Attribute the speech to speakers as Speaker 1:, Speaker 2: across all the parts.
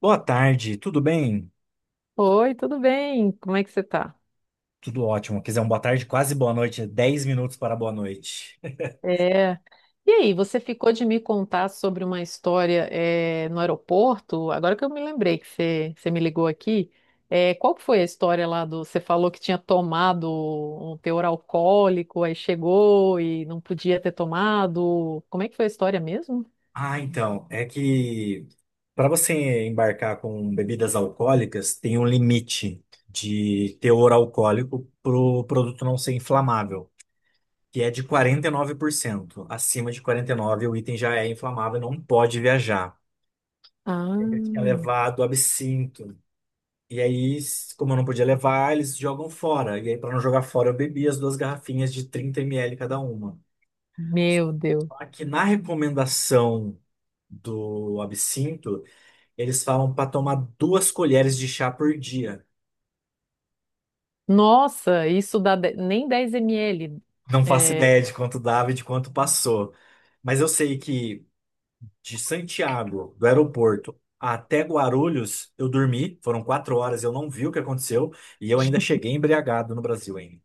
Speaker 1: Boa tarde, tudo bem?
Speaker 2: Oi, tudo bem? Como é que você tá?
Speaker 1: Tudo ótimo. Quer dizer, um boa tarde, quase boa noite, é 10 minutos para boa noite.
Speaker 2: É. E aí, você ficou de me contar sobre uma história no aeroporto? Agora que eu me lembrei que você me ligou aqui, qual que foi a história lá do. Você falou que tinha tomado um teor alcoólico, aí chegou e não podia ter tomado. Como é que foi a história mesmo?
Speaker 1: Ah, então, é que para você embarcar com bebidas alcoólicas, tem um limite de teor alcoólico para o produto não ser inflamável, que é de 49%. Acima de 49%, o item já é inflamável e não pode viajar. Tem que
Speaker 2: Ah,
Speaker 1: levar do absinto. E aí, como eu não podia levar, eles jogam fora. E aí, para não jogar fora, eu bebi as duas garrafinhas de 30 ml cada uma.
Speaker 2: meu Deus.
Speaker 1: Aqui na recomendação do absinto, eles falam para tomar duas colheres de chá por dia.
Speaker 2: Nossa, isso dá de- nem 10 ml.
Speaker 1: Não faço
Speaker 2: É,
Speaker 1: ideia de quanto dava e de quanto passou. Mas eu sei que de Santiago, do aeroporto, até Guarulhos, eu dormi. Foram 4 horas, eu não vi o que aconteceu. E eu ainda cheguei embriagado no Brasil ainda.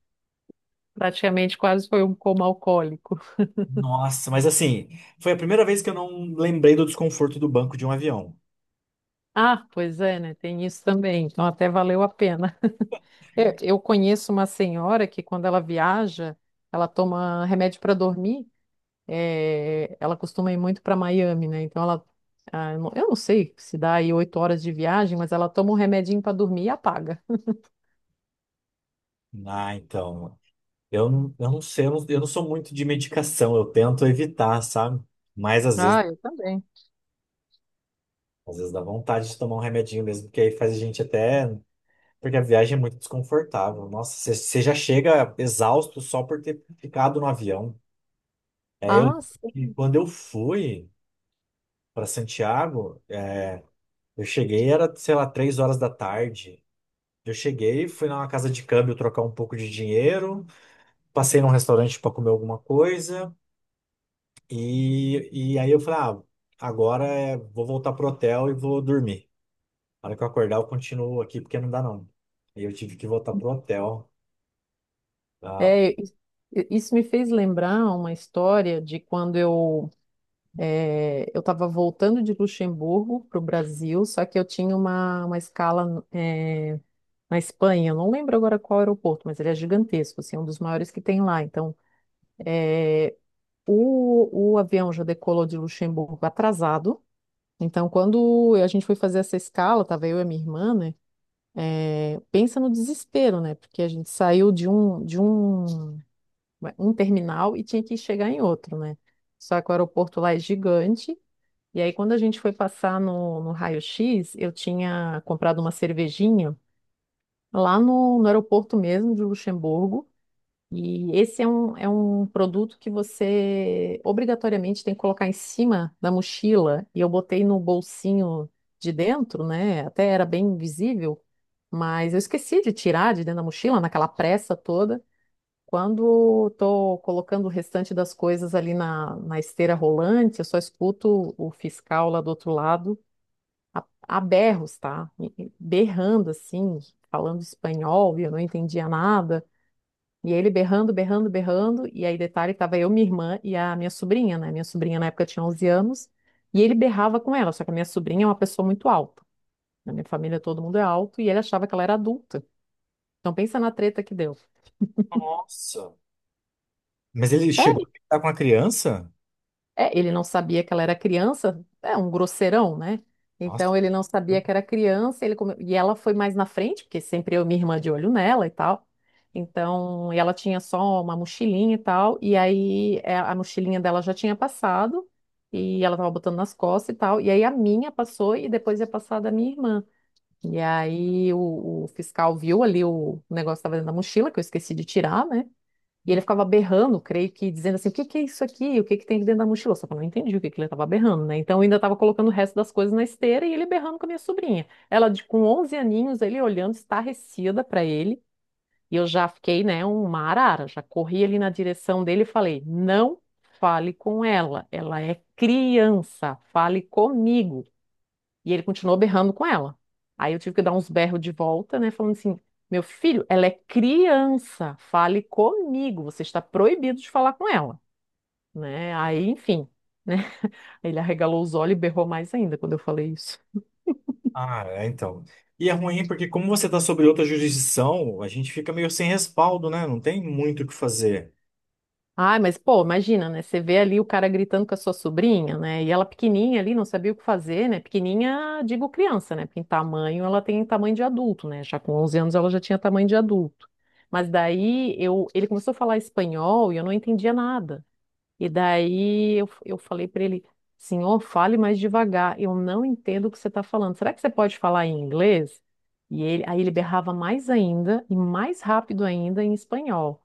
Speaker 2: praticamente quase foi um coma alcoólico.
Speaker 1: Nossa, mas assim, foi a primeira vez que eu não lembrei do desconforto do banco de um avião.
Speaker 2: Ah, pois é, né? Tem isso também. Então até valeu a pena. Eu conheço uma senhora que quando ela viaja, ela toma remédio para dormir. É, ela costuma ir muito para Miami, né? Então ela, ah, eu não sei se dá aí 8 horas de viagem, mas ela toma um remedinho para dormir e apaga.
Speaker 1: Ah, então, eu não sei, eu não sou muito de medicação, eu tento evitar, sabe? Mas
Speaker 2: Ah, eu também.
Speaker 1: às vezes dá vontade de tomar um remedinho mesmo, porque aí faz a gente até. Porque a viagem é muito desconfortável. Nossa, você já chega exausto só por ter ficado no avião. É, eu,
Speaker 2: Ah,
Speaker 1: e
Speaker 2: sim.
Speaker 1: quando eu fui para Santiago, é, eu cheguei, era, sei lá, 3 horas da tarde. Eu cheguei, fui numa casa de câmbio trocar um pouco de dinheiro, passei num restaurante para comer alguma coisa e aí eu falei, ah, agora é, vou voltar pro hotel e vou dormir. Na hora que eu acordar, eu continuo aqui porque não dá não. Aí eu tive que voltar pro hotel. Ah,
Speaker 2: É, isso me fez lembrar uma história de quando eu estava voltando de Luxemburgo para o Brasil, só que eu tinha uma escala, na Espanha, eu não lembro agora qual aeroporto, mas ele é gigantesco, assim, é um dos maiores que tem lá. Então, o avião já decolou de Luxemburgo atrasado. Então, quando a gente foi fazer essa escala, tava eu e a minha irmã, né? É, pensa no desespero, né? Porque a gente saiu de um terminal e tinha que chegar em outro, né? Só que o aeroporto lá é gigante. E aí, quando a gente foi passar no raio-x, eu tinha comprado uma cervejinha lá no aeroporto mesmo de Luxemburgo. E esse é um produto que você obrigatoriamente tem que colocar em cima da mochila. E eu botei no bolsinho de dentro, né? Até era bem visível, mas eu esqueci de tirar de dentro da mochila, naquela pressa toda. Quando estou colocando o restante das coisas ali na esteira rolante, eu só escuto o fiscal lá do outro lado a berros, tá? Berrando assim, falando espanhol, e eu não entendia nada. E ele berrando, berrando, berrando. E aí, detalhe, tava eu, minha irmã e a minha sobrinha, né? Minha sobrinha na época tinha 11 anos. E ele berrava com ela, só que a minha sobrinha é uma pessoa muito alta. Na minha família todo mundo é alto e ele achava que ela era adulta. Então pensa na treta que deu.
Speaker 1: nossa! Mas ele chegou
Speaker 2: É.
Speaker 1: a ficar com a criança?
Speaker 2: É, ele não sabia que ela era criança, é um grosseirão, né?
Speaker 1: Nossa.
Speaker 2: Então ele não sabia que era criança, e ela foi mais na frente, porque sempre eu e minha irmã de olho nela e tal. Então, e ela tinha só uma mochilinha e tal, e aí a mochilinha dela já tinha passado, e ela tava botando nas costas e tal, e aí a minha passou e depois ia passar a da minha irmã. E aí o fiscal viu ali o negócio que tava dentro da mochila, que eu esqueci de tirar, né? E ele ficava berrando, creio que, dizendo assim, o que que é isso aqui? O que que tem aqui dentro da mochila? Só que eu não entendi o que que ele estava berrando, né? Então eu ainda estava colocando o resto das coisas na esteira e ele berrando com a minha sobrinha. Ela, com 11 aninhos, ele olhando estarrecida para ele. E eu já fiquei, né, uma arara. Já corri ali na direção dele e falei, não fale com ela. Ela é criança, fale comigo. E ele continuou berrando com ela. Aí eu tive que dar uns berros de volta, né? Falando assim: meu filho, ela é criança, fale comigo, você está proibido de falar com ela, né? Aí, enfim, né? Ele arregalou os olhos e berrou mais ainda quando eu falei isso.
Speaker 1: Ah, é, então. E é ruim porque como você está sobre outra jurisdição, a gente fica meio sem respaldo, né? Não tem muito o que fazer.
Speaker 2: Ai, mas pô, imagina, né? Você vê ali o cara gritando com a sua sobrinha, né? E ela pequenininha ali, não sabia o que fazer, né? Pequenininha, digo criança, né? Porque em tamanho ela tem tamanho de adulto, né? Já com 11 anos ela já tinha tamanho de adulto. Mas daí eu, ele começou a falar espanhol e eu não entendia nada. E daí eu falei para ele, senhor, fale mais devagar, eu não entendo o que você está falando. Será que você pode falar em inglês? E ele, aí ele berrava mais ainda e mais rápido ainda em espanhol.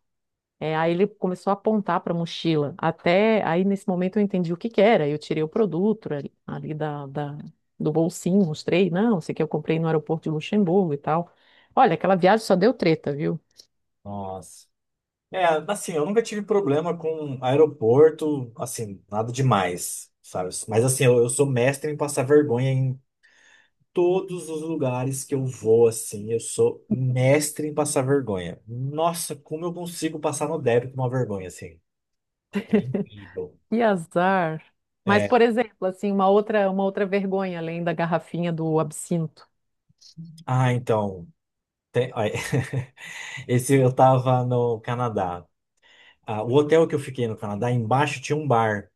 Speaker 2: É, aí ele começou a apontar para a mochila. Até aí, nesse momento, eu entendi o que que era. Eu tirei o produto ali, ali do bolsinho, mostrei. Não, isso aqui eu comprei no aeroporto de Luxemburgo e tal. Olha, aquela viagem só deu treta, viu?
Speaker 1: Nossa. É, assim, eu nunca tive problema com aeroporto, assim, nada demais, sabe? Mas assim, eu sou mestre em passar vergonha em todos os lugares que eu vou, assim, eu sou mestre em passar vergonha. Nossa, como eu consigo passar no débito uma vergonha, assim. Incrível.
Speaker 2: Que azar. Mas,
Speaker 1: É,
Speaker 2: por exemplo, assim, uma outra vergonha, além da garrafinha do absinto.
Speaker 1: ah, então, tem- ó, esse eu tava no Canadá. Ah, o hotel que eu fiquei no Canadá, embaixo tinha um bar.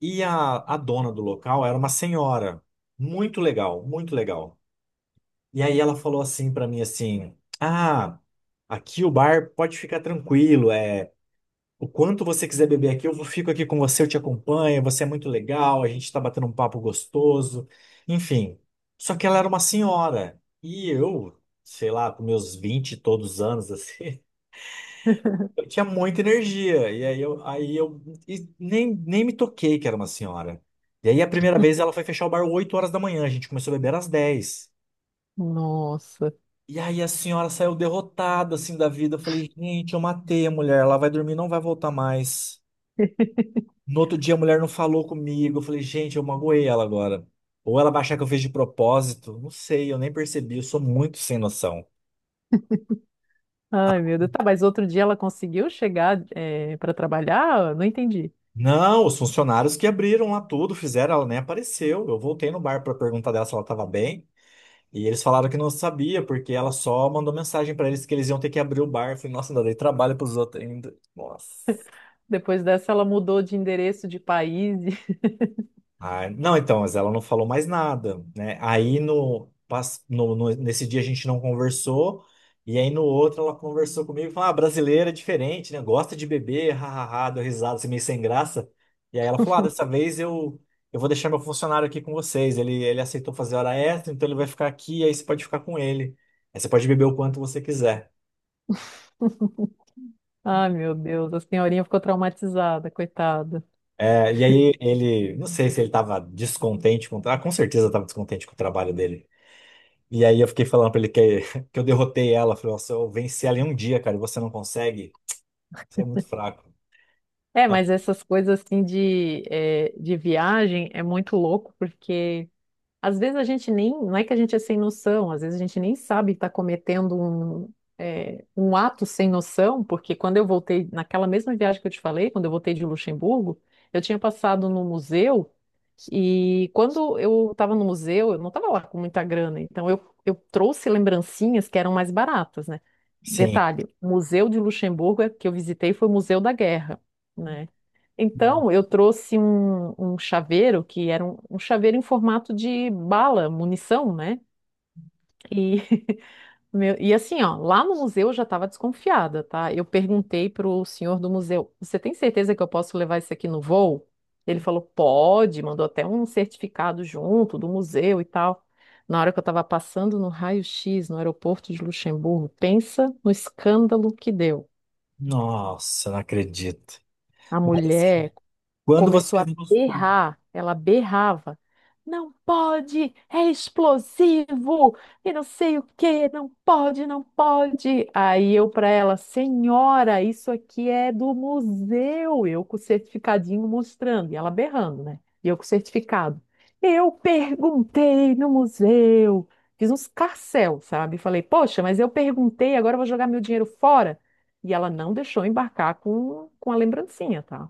Speaker 1: E a dona do local era uma senhora. Muito legal, muito legal. E aí ela falou assim pra mim assim: "Ah, aqui o bar pode ficar tranquilo, é o quanto você quiser beber aqui, eu vou- fico aqui com você, eu te acompanho, você é muito legal, a gente tá batendo um papo gostoso". Enfim. Só que ela era uma senhora e eu, sei lá, com meus 20 e todos anos assim, eu tinha muita energia. E aí eu e nem me toquei que era uma senhora. E aí a primeira vez ela foi fechar o bar 8 horas da manhã, a gente começou a beber às 10.
Speaker 2: Nossa.
Speaker 1: E aí a senhora saiu derrotada assim da vida. Eu falei, gente, eu matei a mulher, ela vai dormir, não vai voltar mais. No outro dia a mulher não falou comigo. Eu falei, gente, eu magoei ela agora. Ou ela vai achar que eu fiz de propósito. Não sei, eu nem percebi, eu sou muito sem noção.
Speaker 2: Ai, meu Deus. Tá, mas outro dia ela conseguiu chegar, para trabalhar? Não entendi.
Speaker 1: Não, os funcionários que abriram lá tudo, fizeram, ela nem apareceu. Eu voltei no bar para perguntar dela se ela estava bem. E eles falaram que não sabia, porque ela só mandou mensagem para eles que eles iam ter que abrir o bar. Eu falei, nossa, ainda dei trabalho para os outros ainda. Nossa.
Speaker 2: Depois dessa, ela mudou de endereço de país.
Speaker 1: Ah, não, então, mas ela não falou mais nada, né? Aí no, pas- no- no- nesse dia a gente não conversou, e aí no outro ela conversou comigo e falou: Ah, brasileira é diferente, né? Gosta de beber, hahaha, deu risada, assim, meio sem graça. E aí ela falou: Ah, dessa vez eu vou deixar meu funcionário aqui com vocês. Ele aceitou fazer hora extra, então ele vai ficar aqui, aí você pode ficar com ele. Aí você pode beber o quanto você quiser.
Speaker 2: Ai, meu Deus, a senhorinha ficou traumatizada, coitada.
Speaker 1: É, e aí ele, não sei se ele tava descontente com, ah, com certeza estava descontente com o trabalho dele. E aí eu fiquei falando pra ele que, que eu derrotei ela. Falei, nossa, eu venci ela em um dia, cara, e você não consegue? Você é muito fraco.
Speaker 2: É,
Speaker 1: Ah,
Speaker 2: mas essas coisas assim de, de viagem é muito louco, porque. Às vezes a gente nem, não é que a gente é sem noção, às vezes a gente nem sabe que está cometendo um ato sem noção, porque quando eu voltei, naquela mesma viagem que eu te falei, quando eu voltei de Luxemburgo, eu tinha passado no museu e quando eu estava no museu, eu não estava lá com muita grana, então eu trouxe lembrancinhas que eram mais baratas, né?
Speaker 1: sim.
Speaker 2: Detalhe, o museu de Luxemburgo é, que eu visitei foi o Museu da Guerra, né?
Speaker 1: No-
Speaker 2: Então, eu trouxe um chaveiro que era um chaveiro em formato de bala, munição, né? E, meu- e assim, ó, lá no museu eu já estava desconfiada, tá? Eu perguntei pro senhor do museu: Você tem certeza que eu posso levar isso aqui no voo? Ele falou: Pode, mandou até um certificado junto do museu e tal. Na hora que eu estava passando no raio-x no aeroporto de Luxemburgo, pensa no escândalo que deu.
Speaker 1: Nossa, não acredito.
Speaker 2: A
Speaker 1: Mas assim,
Speaker 2: mulher
Speaker 1: quando você.
Speaker 2: começou a berrar, ela berrava. Não pode, é explosivo, e não sei o quê, não pode, não pode. Aí eu para ela, senhora, isso aqui é do museu, eu com o certificadinho mostrando, e ela berrando, né? E eu com o certificado. Eu perguntei no museu, fiz uns carcel, sabe? Falei, poxa, mas eu perguntei, agora eu vou jogar meu dinheiro fora. E ela não deixou embarcar com a lembrancinha, tá?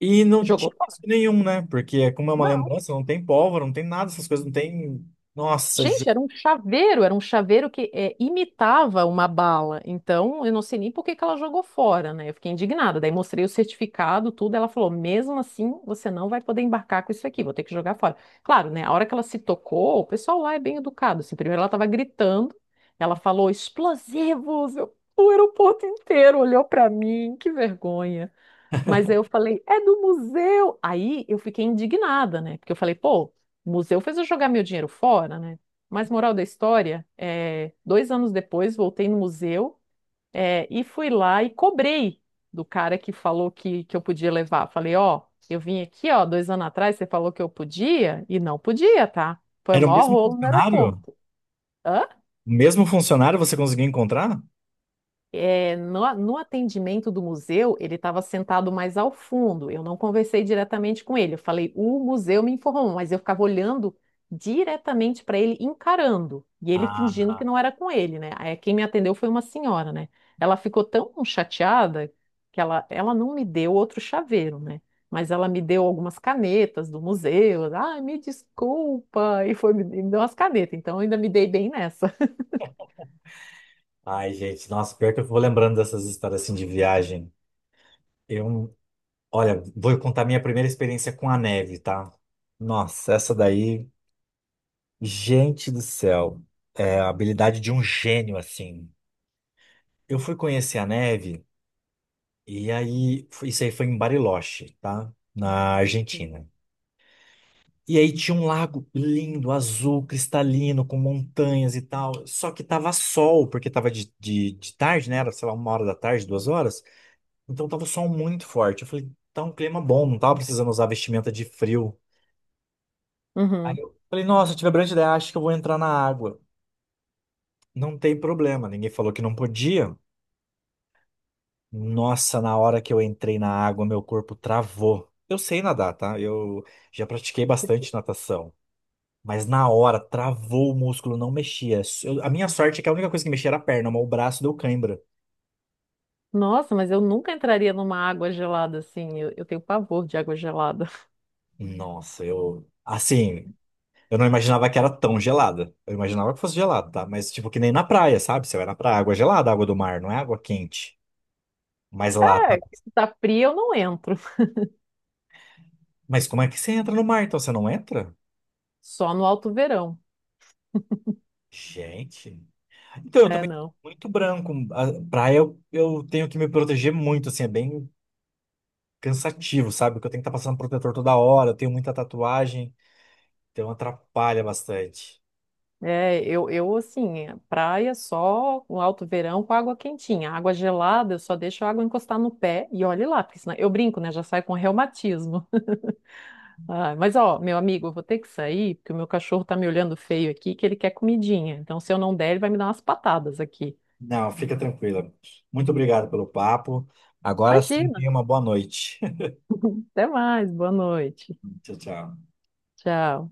Speaker 1: E não
Speaker 2: Jogou
Speaker 1: tinha risco nenhum, né? Porque como é uma
Speaker 2: não.
Speaker 1: lembrança, não tem pólvora, não tem nada, essas coisas, não tem. Nossa, ge-
Speaker 2: Gente, era um chaveiro que é, imitava uma bala. Então, eu não sei nem por que que ela jogou fora, né? Eu fiquei indignada. Daí mostrei o certificado, tudo. Ela falou: mesmo assim, você não vai poder embarcar com isso aqui, vou ter que jogar fora. Claro, né? A hora que ela se tocou, o pessoal lá é bem educado. Assim, primeiro ela estava gritando, ela falou: explosivos! Eu- O aeroporto inteiro olhou para mim, que vergonha. Mas aí eu falei, é do museu. Aí eu fiquei indignada, né? Porque eu falei, pô, o museu fez eu jogar meu dinheiro fora, né? Mas moral da história, 2 anos depois voltei no museu, e fui lá e cobrei do cara que falou que eu podia levar. Falei, ó, eu vim aqui, ó, 2 anos atrás, você falou que eu podia e não podia, tá? Foi o
Speaker 1: Era o
Speaker 2: maior
Speaker 1: mesmo
Speaker 2: rolo no
Speaker 1: funcionário?
Speaker 2: aeroporto. Hã?
Speaker 1: O mesmo funcionário você conseguiu encontrar?
Speaker 2: É, no atendimento do museu, ele estava sentado mais ao fundo. Eu não conversei diretamente com ele. Eu falei, o museu me informou, mas eu ficava olhando diretamente para ele, encarando. E ele fingindo
Speaker 1: Ah,
Speaker 2: que não era com ele, né? Aí quem me atendeu foi uma senhora, né? Ela ficou tão chateada que ela não me deu outro chaveiro, né? Mas ela me deu algumas canetas do museu. Ah, me desculpa. E foi, me deu umas canetas. Então eu ainda me dei bem nessa.
Speaker 1: ai, gente, nossa, pior que eu vou lembrando dessas histórias assim de viagem. Eu, olha, vou contar minha primeira experiência com a neve, tá? Nossa, essa daí, gente do céu, é a habilidade de um gênio assim. Eu fui conhecer a neve e aí, isso aí foi em Bariloche, tá? Na Argentina. E aí tinha um lago lindo, azul, cristalino, com montanhas e tal. Só que tava sol, porque tava de tarde, né? Era, sei lá, 1 hora da tarde, 2 horas. Então tava o sol muito forte. Eu falei, tá um clima bom, não tava precisando usar vestimenta de frio. Aí
Speaker 2: Uhum.
Speaker 1: eu falei, nossa, eu tive a brilhante ideia, acho que eu vou entrar na água. Não tem problema, ninguém falou que não podia. Nossa, na hora que eu entrei na água, meu corpo travou. Eu sei nadar, tá? Eu já pratiquei bastante natação. Mas na hora, travou o músculo, não mexia. Eu- a minha sorte é que a única coisa que mexia era a perna, mas o braço deu cãibra.
Speaker 2: Nossa, mas eu nunca entraria numa água gelada assim. Eu tenho pavor de água gelada.
Speaker 1: Nossa, eu. Assim, eu não imaginava que era tão gelada. Eu imaginava que fosse gelada, tá? Mas, tipo, que nem na praia, sabe? Você vai na praia, água é gelada, água do mar, não é água quente. Mas lá tá.
Speaker 2: É, tá fria, eu não entro.
Speaker 1: Mas como é que você entra no mar, então? Você não entra?
Speaker 2: Só no alto verão.
Speaker 1: Gente. Então, eu
Speaker 2: É,
Speaker 1: também sou
Speaker 2: não.
Speaker 1: muito branco. A praia, eu tenho que me proteger muito, assim, é bem cansativo, sabe? Porque eu tenho que estar passando protetor toda hora, eu tenho muita tatuagem, então atrapalha bastante.
Speaker 2: É, eu assim, é praia só no alto verão com água quentinha. Água gelada, eu só deixo a água encostar no pé e olhe lá, porque senão eu brinco, né? Já saio com reumatismo. Ah, mas ó, meu amigo, eu vou ter que sair, porque o meu cachorro tá me olhando feio aqui, que ele quer comidinha. Então, se eu não der, ele vai me dar umas patadas aqui.
Speaker 1: Não, fica tranquila. Muito obrigado pelo papo. Agora sim,
Speaker 2: Imagina.
Speaker 1: tenha uma boa noite.
Speaker 2: Até mais. Boa noite.
Speaker 1: Tchau, tchau.
Speaker 2: Tchau.